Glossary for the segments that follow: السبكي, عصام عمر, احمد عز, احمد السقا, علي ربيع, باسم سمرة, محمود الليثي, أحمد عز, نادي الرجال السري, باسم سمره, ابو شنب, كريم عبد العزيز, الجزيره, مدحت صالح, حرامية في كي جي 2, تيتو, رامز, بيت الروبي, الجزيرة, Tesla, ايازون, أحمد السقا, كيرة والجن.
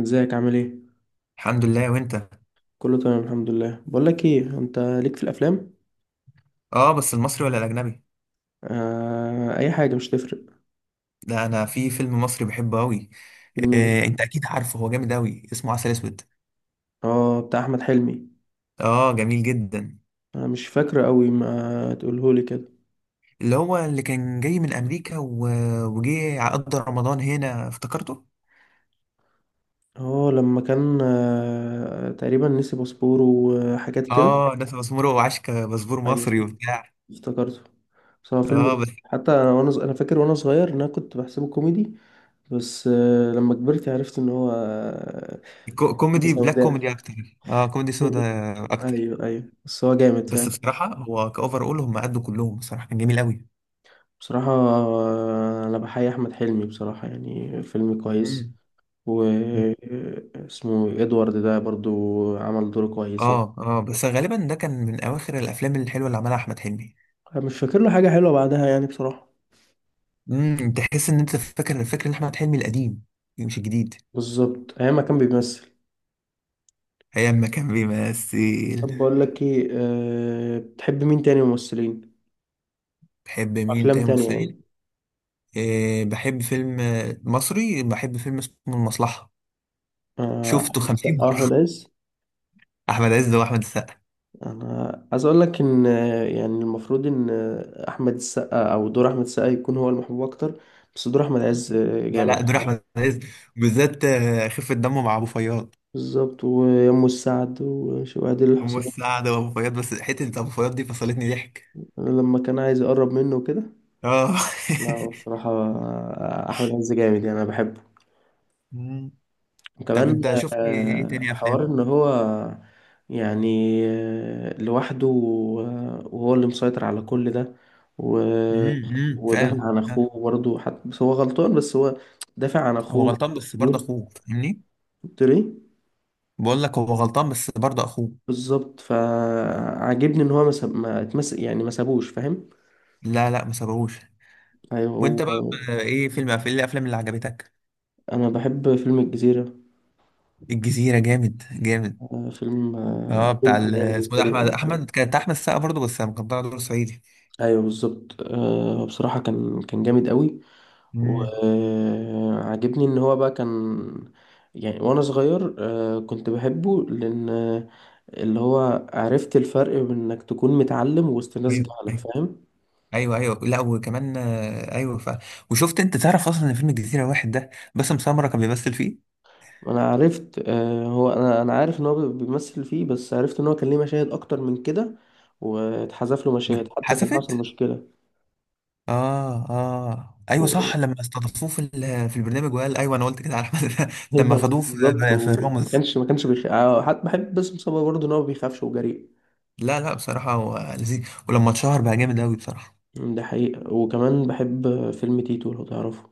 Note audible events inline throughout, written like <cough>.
ازيك؟ عامل ايه؟ الحمد لله، وانت؟ كله تمام، الحمد لله. بقول لك ايه، انت ليك في الافلام؟ اه، بس المصري ولا الاجنبي؟ آه، اي حاجه، مش تفرق. ده انا في فيلم مصري بحبه قوي. فيلم ايه؟ إيه، انت اكيد عارفه. هو جامد قوي، اسمه عسل اسود. اه، بتاع احمد حلمي. اه، جميل جدا. انا مش فاكره قوي، ما تقوله لي كده. اللي هو اللي كان جاي من امريكا و... وجه قضى رمضان هنا، افتكرته. اه، لما كان تقريبا نسي باسبوره وحاجات كده. اه، ناس باسمره وعشكة باسبور ايوه، مصري وبتاع. افتكرته. بس هو اه فيلم، بس حتى انا انا فاكر وانا صغير ان انا كنت بحسبه كوميدي. بس لما كبرت عرفت ان هو كوميدي بلاك سوداء. كوميدي اكتر. اه، كوميدي سودا <laughs> اكتر. ايوه، ايوه، بس هو جامد بس فعلا. بصراحة هو كأوفر، اول هم قدوا كلهم بصراحة كان جميل قوي. بصراحة، أنا بحيي أحمد حلمي، بصراحة، يعني فيلم كويس. و مم. اسمه إدوارد ده برضو. عمل دور كويس يعني. اه اه، بس غالبا ده كان من اواخر الافلام الحلوه اللي عملها احمد حلمي. أنا مش فاكر له حاجة حلوة بعدها، يعني، بصراحة. تحس ان انت فاكر الفكر ان احمد حلمي القديم، يعني مش الجديد. بالظبط، أيام ما كان بيمثل. ايام ما كان بيمثل. طب، بقول لك إيه. أه، بتحب مين تاني ممثلين؟ بحب مين أفلام تاني تانية ممثلين؟ يعني. إيه، بحب فيلم مصري، بحب فيلم اسمه المصلحه. شفته أحمد 50 السقا مره. وأحمد عز. <laughs> احمد عز واحمد السقا. أنا عايز أقول لك إن يعني المفروض إن أحمد السقا، أو دور أحمد السقا، يكون هو المحبوب أكتر. بس دور أحمد عز لا لا، جامد. دور احمد عز بالذات خفه دمه مع ابو فياض. بالظبط، ويمه السعد وشوادي ام الحصان. السعد وابو فياض، بس حته ابو فياض دي فصلتني ضحك. لما كان عايز يقرب منه وكده. اه. لا، هو بصراحة. أحمد عز جامد، يعني أنا بحبه. <laughs> مم. طب وكمان. انت شفت ايه تاني حوار افلام؟ إن هو، يعني، لوحده، وهو اللي مسيطر على كل ده. و... أمم، ودافع فعلا عن فعلا. أخوه برضه حتى، بس هو غلطان، بس هو دافع عن هو أخوه. غلطان بس برضه كبير. اخوه فاهمني. قلت له إيه؟ بقول لك هو غلطان بس برضه اخوه. بالظبط، فعاجبني إن هو ما اتمسك، يعني ما سابوش، فاهم. لا لا، ما سابهوش. أيوه. وانت بقى؟ هو. ايه فيلم، ايه الافلام اللي عجبتك؟ انا بحب فيلم الجزيرة. الجزيره جامد جامد. فيلم اه، بتاع توب، يعني اسمه بالنسبة ده، لي احمد أنا بحب. احمد كانت، احمد السقا برضه، بس كان طالع دور صعيدي. ايوه بالظبط، بصراحة كان جامد قوي. امم. وعجبني ان هو بقى كان، يعني وانا صغير كنت بحبه لان اللي هو عرفت الفرق بين انك تكون متعلم وسط ناس ايوه جهلة، ايوه فاهم. ايوه ايوه. لا وكمان ايوه وشفت، انت تعرف اصلا ان فيلم الجزيره واحد ده، باسم سمره كان بيمثل فيه. انا عرفت هو انا عارف ان هو بيمثل فيه، بس عرفت ان هو كان ليه مشاهد اكتر من كده. واتحذف له مشاهد، حتى كان حصل واتحذفت. مشكلة. اه اه ايوه صح، لما استضافوه في في البرنامج وقال ايوه، انا قلت كده على احمد. <laughs> ايوه لما خدوه في بالظبط، في وما رامز. كانش ما كانش بيخ... آه، حتى بحب باسم سمرة برضه، ان هو ما بيخافش وجريء. لا لا، بصراحه هو لذيذ، ولما اتشهر بقى جامد قوي بصراحه. ده حقيقة. وكمان بحب فيلم تيتو، لو تعرفه.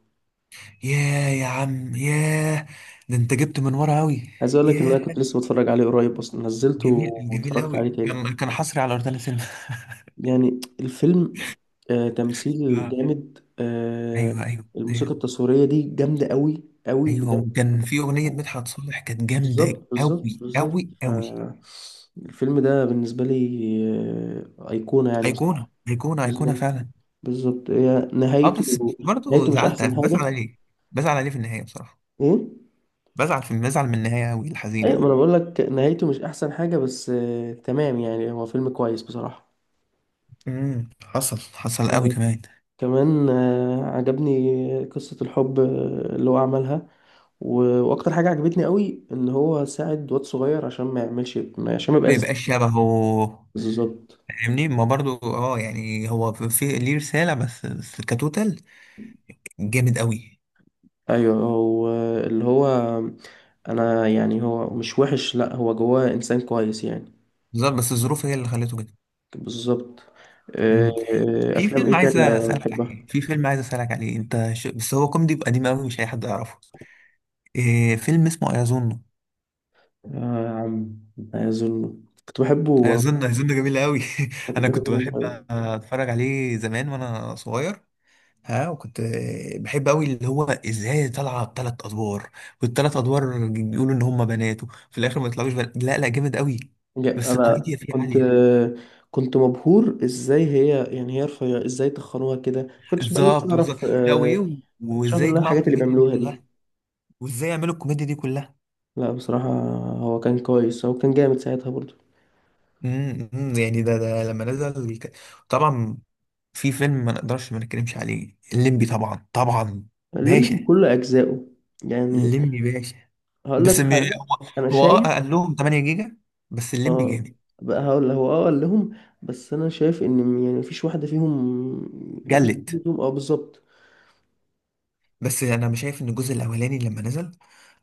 ياه يا عم ياه. ده انت جبت من ورا قوي. عايز اقول لك ان انا ياه. كنت لسه بتفرج عليه قريب، اصلا نزلته. جميل جميل واتفرجت قوي، عليه تاني، كان حصري على روتانا سينما. <laughs> يعني الفيلم. تمثيل آه. جامد. ايوه ايوه الموسيقى ايوه. التصويرية دي جامدة قوي قوي ايوه، بجد. وكان في اغنيه مدحت صالح كانت جامده بالظبط، بالظبط، قوي بالظبط. قوي قوي. آه. الفيلم ده بالنسبة لي، أيقونة، يعني، ايقونه بصراحة. ايقونه ايقونه بالظبط، فعلا. بالظبط، هي اه، بس نهايته. برضه نهايته مش زعلت، احسن بزعل حاجه. عليه. بزعل عليه في النهاية بصراحة. ايه؟ بزعل من النهاية أوي الحزينة ايوه، ما انا دي. بقول لك نهايته مش احسن حاجه، بس تمام، يعني هو فيلم كويس بصراحه. حصل حصل قوي آه، كمان. كمان عجبني قصه الحب اللي هو عملها. واكتر حاجه عجبتني قوي ان هو ساعد واد صغير، عشان ما يعملش عشان ما ما يبقاش يبقاش شبهه بالظبط. فاهمني، ما برضو، يعني هو في ليه رسالة، بس بس كتوتال جامد قوي. ايوه، هو اللي هو، انا، يعني هو مش وحش، لا هو جواه انسان كويس يعني. بالظبط، بس الظروف هي اللي خلته كده. بالظبط. آه، مم. في افلام فيلم ايه عايز تانية اسألك بتحبها؟ عليه، في فيلم عايز اسألك عليه انت ش... بس هو كوميدي قديم قوي، مش اي حد يعرفه. إيه، فيلم اسمه ايازون. آه يا عم، لا يظن. كنت بحبه وانا هيظن صغير. هيظن جميل قوي. <laughs> كنت انا بحبه كنت وانا بحب صغير. اتفرج عليه زمان وانا صغير. ها، وكنت بحب قوي اللي هو ازاي طالعه بثلاث ادوار، والثلاث ادوار بيقولوا ان هم بناته، في الاخر ما يطلعوش بنات. لا لا جامد قوي، بس انا الكوميديا فيه كنت، عاليه. كنت مبهور ازاي هي، يعني هي رفيعة ازاي تخنوها كده، كنتش بقى لسه بالظبط بالظبط. اعرف لا، آه، وايه كنتش عارف وازاي ان يجمعوا الحاجات اللي الكوميديا دي بيعملوها دي. كلها؟ وازاي يعملوا الكوميديا دي كلها؟ لا، بصراحة. هو كان كويس، هو كان جامد ساعتها برضه. أمم، يعني ده لما نزل طبعا. في فيلم ما نقدرش ما نتكلمش عليه، الليمبي طبعا طبعا. باشا. علمني كل اجزائه، يعني. الليمبي باشا. هقول بس لك حاجة، هو انا هو شايف. قال لهم 8 جيجا. بس الليمبي اه. جامد. بقى هقول، هو قال لهم، بس انا شايف ان، يعني مفيش واحدة فيهم. مفيش جلد. واحدة فيهم، اه، بالظبط. بس انا مش شايف ان الجزء الاولاني لما نزل.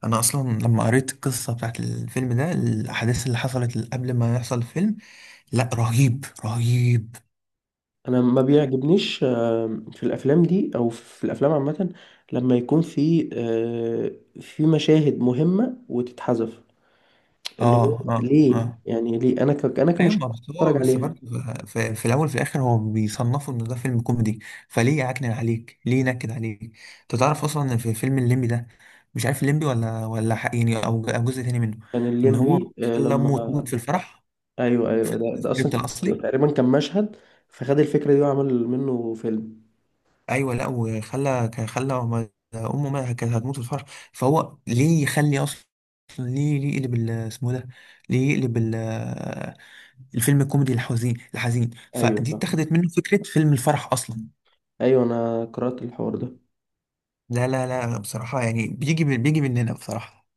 انا اصلا لما قريت القصه بتاعت الفيلم ده، الاحداث اللي حصلت قبل ما يحصل الفيلم، لا رهيب رهيب. انا ما بيعجبنيش في الافلام دي او في الافلام عامه، لما يكون في مشاهد مهمه وتتحذف. اه اللي هو اه ليه، اه يعني ليه انا انا ايوه، كمشاهد ما بس بتفرج هو بس عليها. برضه في الاول في الاخر هو بيصنفوا ان ده فيلم كوميدي، فليه يعكنن عليك، ليه ينكد عليك؟ انت تعرف اصلا ان في فيلم الليمبي ده، مش عارف الليمبي ولا حق يعني، أو جزء تاني منه، كان ان هو الليمبي خلى امه لما، تموت في الفرح ايوه في ايوه، ده اصلا السكريبت الاصلي. تقريبا كان مشهد، فخد الفكره دي وعمل منه فيلم. ايوه لا، وخلى كان خلى امه ما كانت هتموت في الفرح. فهو ليه يخلي اصلا، ليه يقلب اسمه إيه ده، ليه يقلب الفيلم الكوميدي الحزين، الحزين ايوه فدي فاهم. اتخذت منه فكرة فيلم الفرح اصلا. ايوه انا قرات الحوار ده. لا لا لا، بصراحة يعني بيجي من، بيجي مننا بصراحة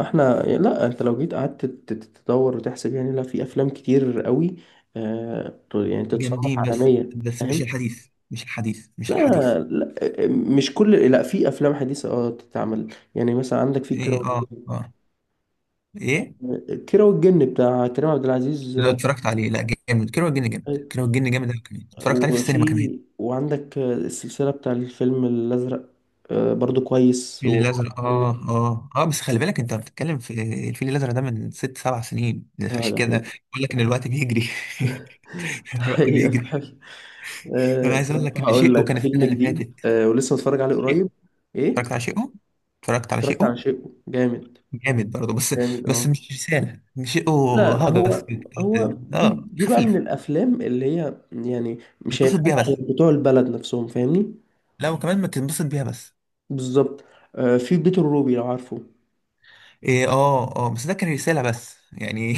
احنا، لا، انت لو جيت قعدت تدور وتحسب، يعني لا، في افلام كتير قوي يعني تتصنف جامدين. بس عالمية. بس مش فاهم. الحديث، مش الحديث، مش الحديث. لا، لا، مش كل، لا، في افلام حديثة تتعمل، يعني مثلا عندك في ايه كيرة اه اه. ايه. والجن. كيرة والجن بتاع كريم عبد العزيز لو اتفرجت عليه لا، جامد. كيرة والجن جامد، كيرة والجن جامد أوي، كمان اتفرجت عليه في السينما كمان. وعندك السلسلة بتاع الفيلم الازرق، برضو كويس الفيل و... الأزرق، اه اه اه، بس خلي بالك انت بتتكلم في الفيل الأزرق ده من ست سبع سنين. عشان ده كده حقيقي. بقول لك ان الوقت بيجري. <laughs> <laughs> الوقت حقيقة. بيجري. انا عايز اقول طب لك ان هقول شيء وكان لك السنة فيلم اللي جديد، فاتت. ولسه متفرج عليه شيء. قريب. اتفرجت ايه؟ على شيء. اتفرجت على شيء اتفرجت على شيء جامد. جامد برضه، بس جامد، بس اه. مش رسالة مش او لا، لا، هجس هو، كده. هو دي اه، دي بقى من خفيف، الافلام اللي هي، يعني، مش انبسط بيها هيفهمها بس. غير بتوع البلد نفسهم، فاهمني. لا وكمان، ما تنبسط بيها بس. بالظبط. أه، في بيت الروبي، لو عارفه. إيه، اه اه، بس ده كان رسالة بس يعني.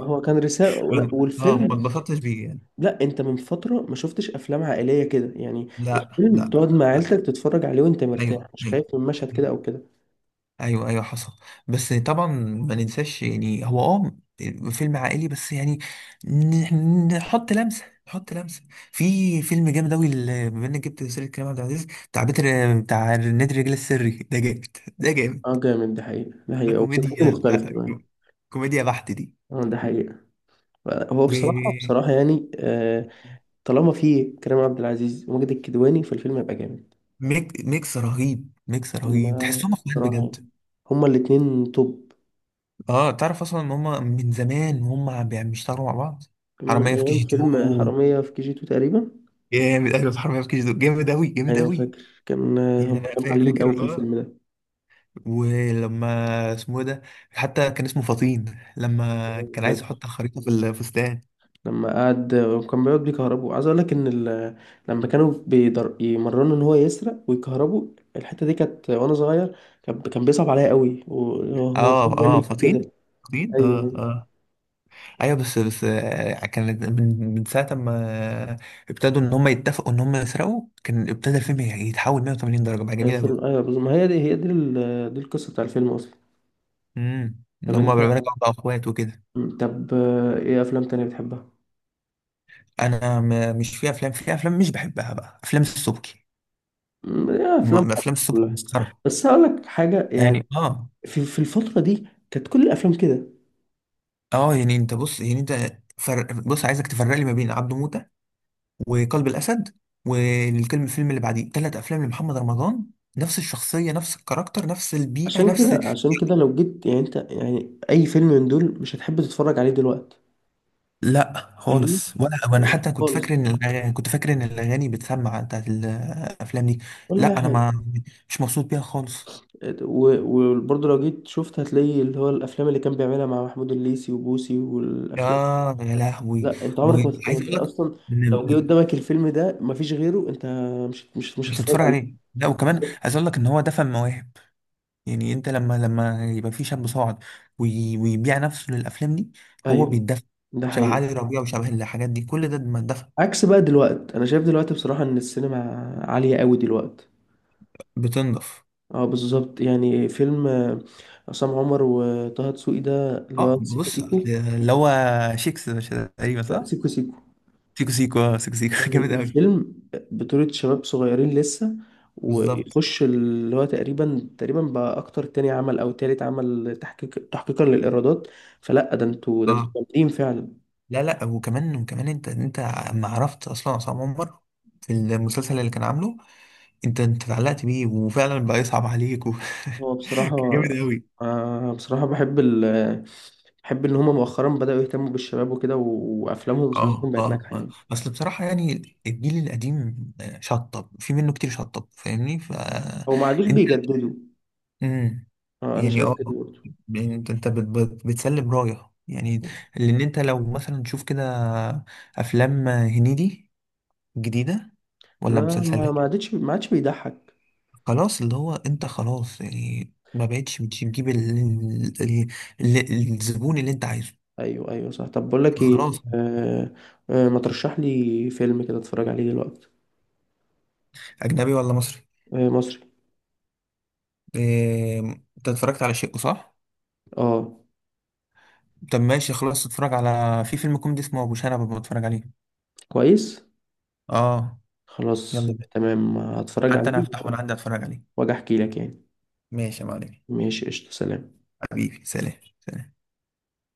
هو كان رسالة <laughs> ما والفيلم. اتبسطتش بيه يعني. لا، انت من فترة ما شفتش افلام عائلية كده يعني. لا الفيلم لا تقعد مع لا. عيلتك تتفرج عليه وانت ايوه مرتاح، مش ايوه خايف من مشهد كده او كده. ايوه ايوه حصل، بس طبعا ما ننساش، يعني هو فيلم عائلي بس يعني. نحط لمسه، نحط لمسه. في فيلم جامد اوي، بما انك جبت سيره كريم عبد العزيز، بتاع بيتر، بتاع نادي الرجال السري، ده جامد، ده جامد. اه جامد، ده حقيقة، ده ده حقيقة، وفكرته كوميديا. مختلفة كمان. <laughs> كوميديا بحت دي. اه، ده حقيقة. هو بصراحة، و- بصراحة يعني، طالما في كريم عبد العزيز وماجد الكدواني، فالفيلم هيبقى جامد. ميكس رهيب، ميكس رهيب، هما، تحسهم اخوات بصراحة يعني، بجد. هما الاتنين توب. اه، تعرف اصلا ان هم من زمان وهم بيشتغلوا مع بعض. من حرامية في كي أيام جي فيلم 2 حرامية في KG2، تقريبا. جامد، ايوه، في حرامية في كيجي دول جامد اوي، جامد أيوة اوي. فاكر، كان يعني هما انا كانوا عاليين فاكر، أوي في اه، الفيلم ده، ولما اسمه إيه ده، حتى كان اسمه فطين لما كان عايز فاكر. يحط الخريطة في الفستان. لما قعد وكان بيقعد بيكهربوا، عايز أقول لك إن لما كانوا يمرنوا إن هو يسرق ويكهربوا. الحتة دي كانت وأنا صغير، كان بيصعب عليا أوي وهو إزاي اه اه، بيعمل فطين. كده. فطين، أيوه، اه أيوة. اه. ايوه بس بس كانت من, ساعة ما ابتدوا ان هم يتفقوا ان هم يسرقوا، كان ابتدى الفيلم يتحول 180 درجة، بقى جميل اوي. الفيلم، ايوه بالظبط، ما هي دي دي القصه بتاع الفيلم اصلا. ان طب هم انت، بقى اخوات وكده. طب ايه افلام تانية بتحبها؟ انا مش في افلام مش بحبها بقى، افلام السبكي. ايه، افلام ما افلام حب السبكي كلها؟ مسخره. بس هقول لك حاجه، يعني يعني اه في الفتره دي كانت كل الافلام كده. اه، يعني انت بص، يعني انت بص، عايزك تفرق لي ما بين عبده موتة وقلب الاسد والفيلم اللي بعديه، ثلاث افلام لمحمد رمضان، نفس الشخصيه، نفس الكاركتر، نفس البيئه، عشان نفس. كده، عشان كده، لو جيت، يعني انت، يعني، اي فيلم من دول مش هتحب تتفرج عليه دلوقتي، لا فاهمني، خالص ولا، انا يعني حتى كنت خالص، فاكر ان كنت فاكر ان الاغاني بتسمع بتاعت الافلام دي. ولا اي لا انا حاجه. ما، مش مبسوط بيها خالص. و- وبرضه لو جيت شفت هتلاقي اللي هو الافلام اللي كان بيعملها مع محمود الليثي وبوسي يا، والافلام. يا لهوي. لا، انت عمرك ما يعني وعايز انت اقول لك اصلا، إن لو جه قدامك الفيلم ده مفيش غيره، انت مش مش هتتفرج هتتفرج عليه. عليه. لا وكمان عايز اقول لك ان هو دفن مواهب. يعني انت لما يبقى في شاب صاعد ويبيع نفسه للافلام دي، هو ايوه، بيتدفن. ده شبه حقيقي. علي ربيع وشبه الحاجات دي كل ده ما اتدفن. عكس بقى دلوقتي، انا شايف دلوقتي بصراحة ان السينما عالية قوي دلوقتي. بتنضف. اه، بالظبط، يعني فيلم عصام عمر وطه دسوقي، ده اللي اه، هو سيكو بص أصل سيكو. اللي هو، شيكس مش تقريبا لا، صح؟ سيكو سيكو، سيكو سيكو، اه، سيكو سيكو. <laughs> يعني جامد قوي. الفيلم بطولة شباب صغيرين لسه، بالظبط. ويخش اللي هو تقريبا، تقريبا بقى اكتر تاني عمل او تالت عمل تحقيقا للايرادات. فلا، ده انتوا اه. جامدين فعلا. لا لا وكمان وكمان، انت اما عرفت اصلا عصام عمر في المسلسل اللي كان عامله، انت اتعلقت بيه، وفعلا بقى يصعب عليك و... هو <laughs> كان بصراحة، جامد قوي. بصراحة بحب بحب إن هما مؤخرا بدأوا يهتموا بالشباب وكده، وأفلامهم اه ومسلسلاتهم بقت اه ناجحة آه. يعني. اصل بصراحة يعني الجيل القديم شطب في منه كتير، شطب فاهمني هو ما عادوش فانت. بيجددوا. امم. أنا يعني شايف اه، كده برضه. يعني انت بتسلم رايه يعني. لان انت لو مثلا تشوف كده افلام هنيدي جديدة ولا لا، ما مسلسلات؟ ما عادش ما عادش بيضحك. خلاص، اللي هو انت خلاص يعني ما بقتش بتجيب ال- الزبون اللي انت عايزه. أيوه، أيوه، صح. طب بقول لك إيه. خلاص. آه. ما ترشح لي فيلم كده أتفرج عليه دلوقتي. اجنبي ولا مصري؟ مصري. إيه، انت اتفرجت على شيء صح؟ أه، طب ماشي، خلاص اتفرج على، في فيلم كوميدي اسمه ابو شنب، ببقى بتفرج عليه. كويس، اه. يلا خلاص بينا، تمام هتفرج عليه، حتى انا هفتحه وانا عندي اتفرج عليه. وأجي أحكي لك يعني. ماشي يا معلم. ماشي، قشطة، سلام. حبيبي، سلام. سلام.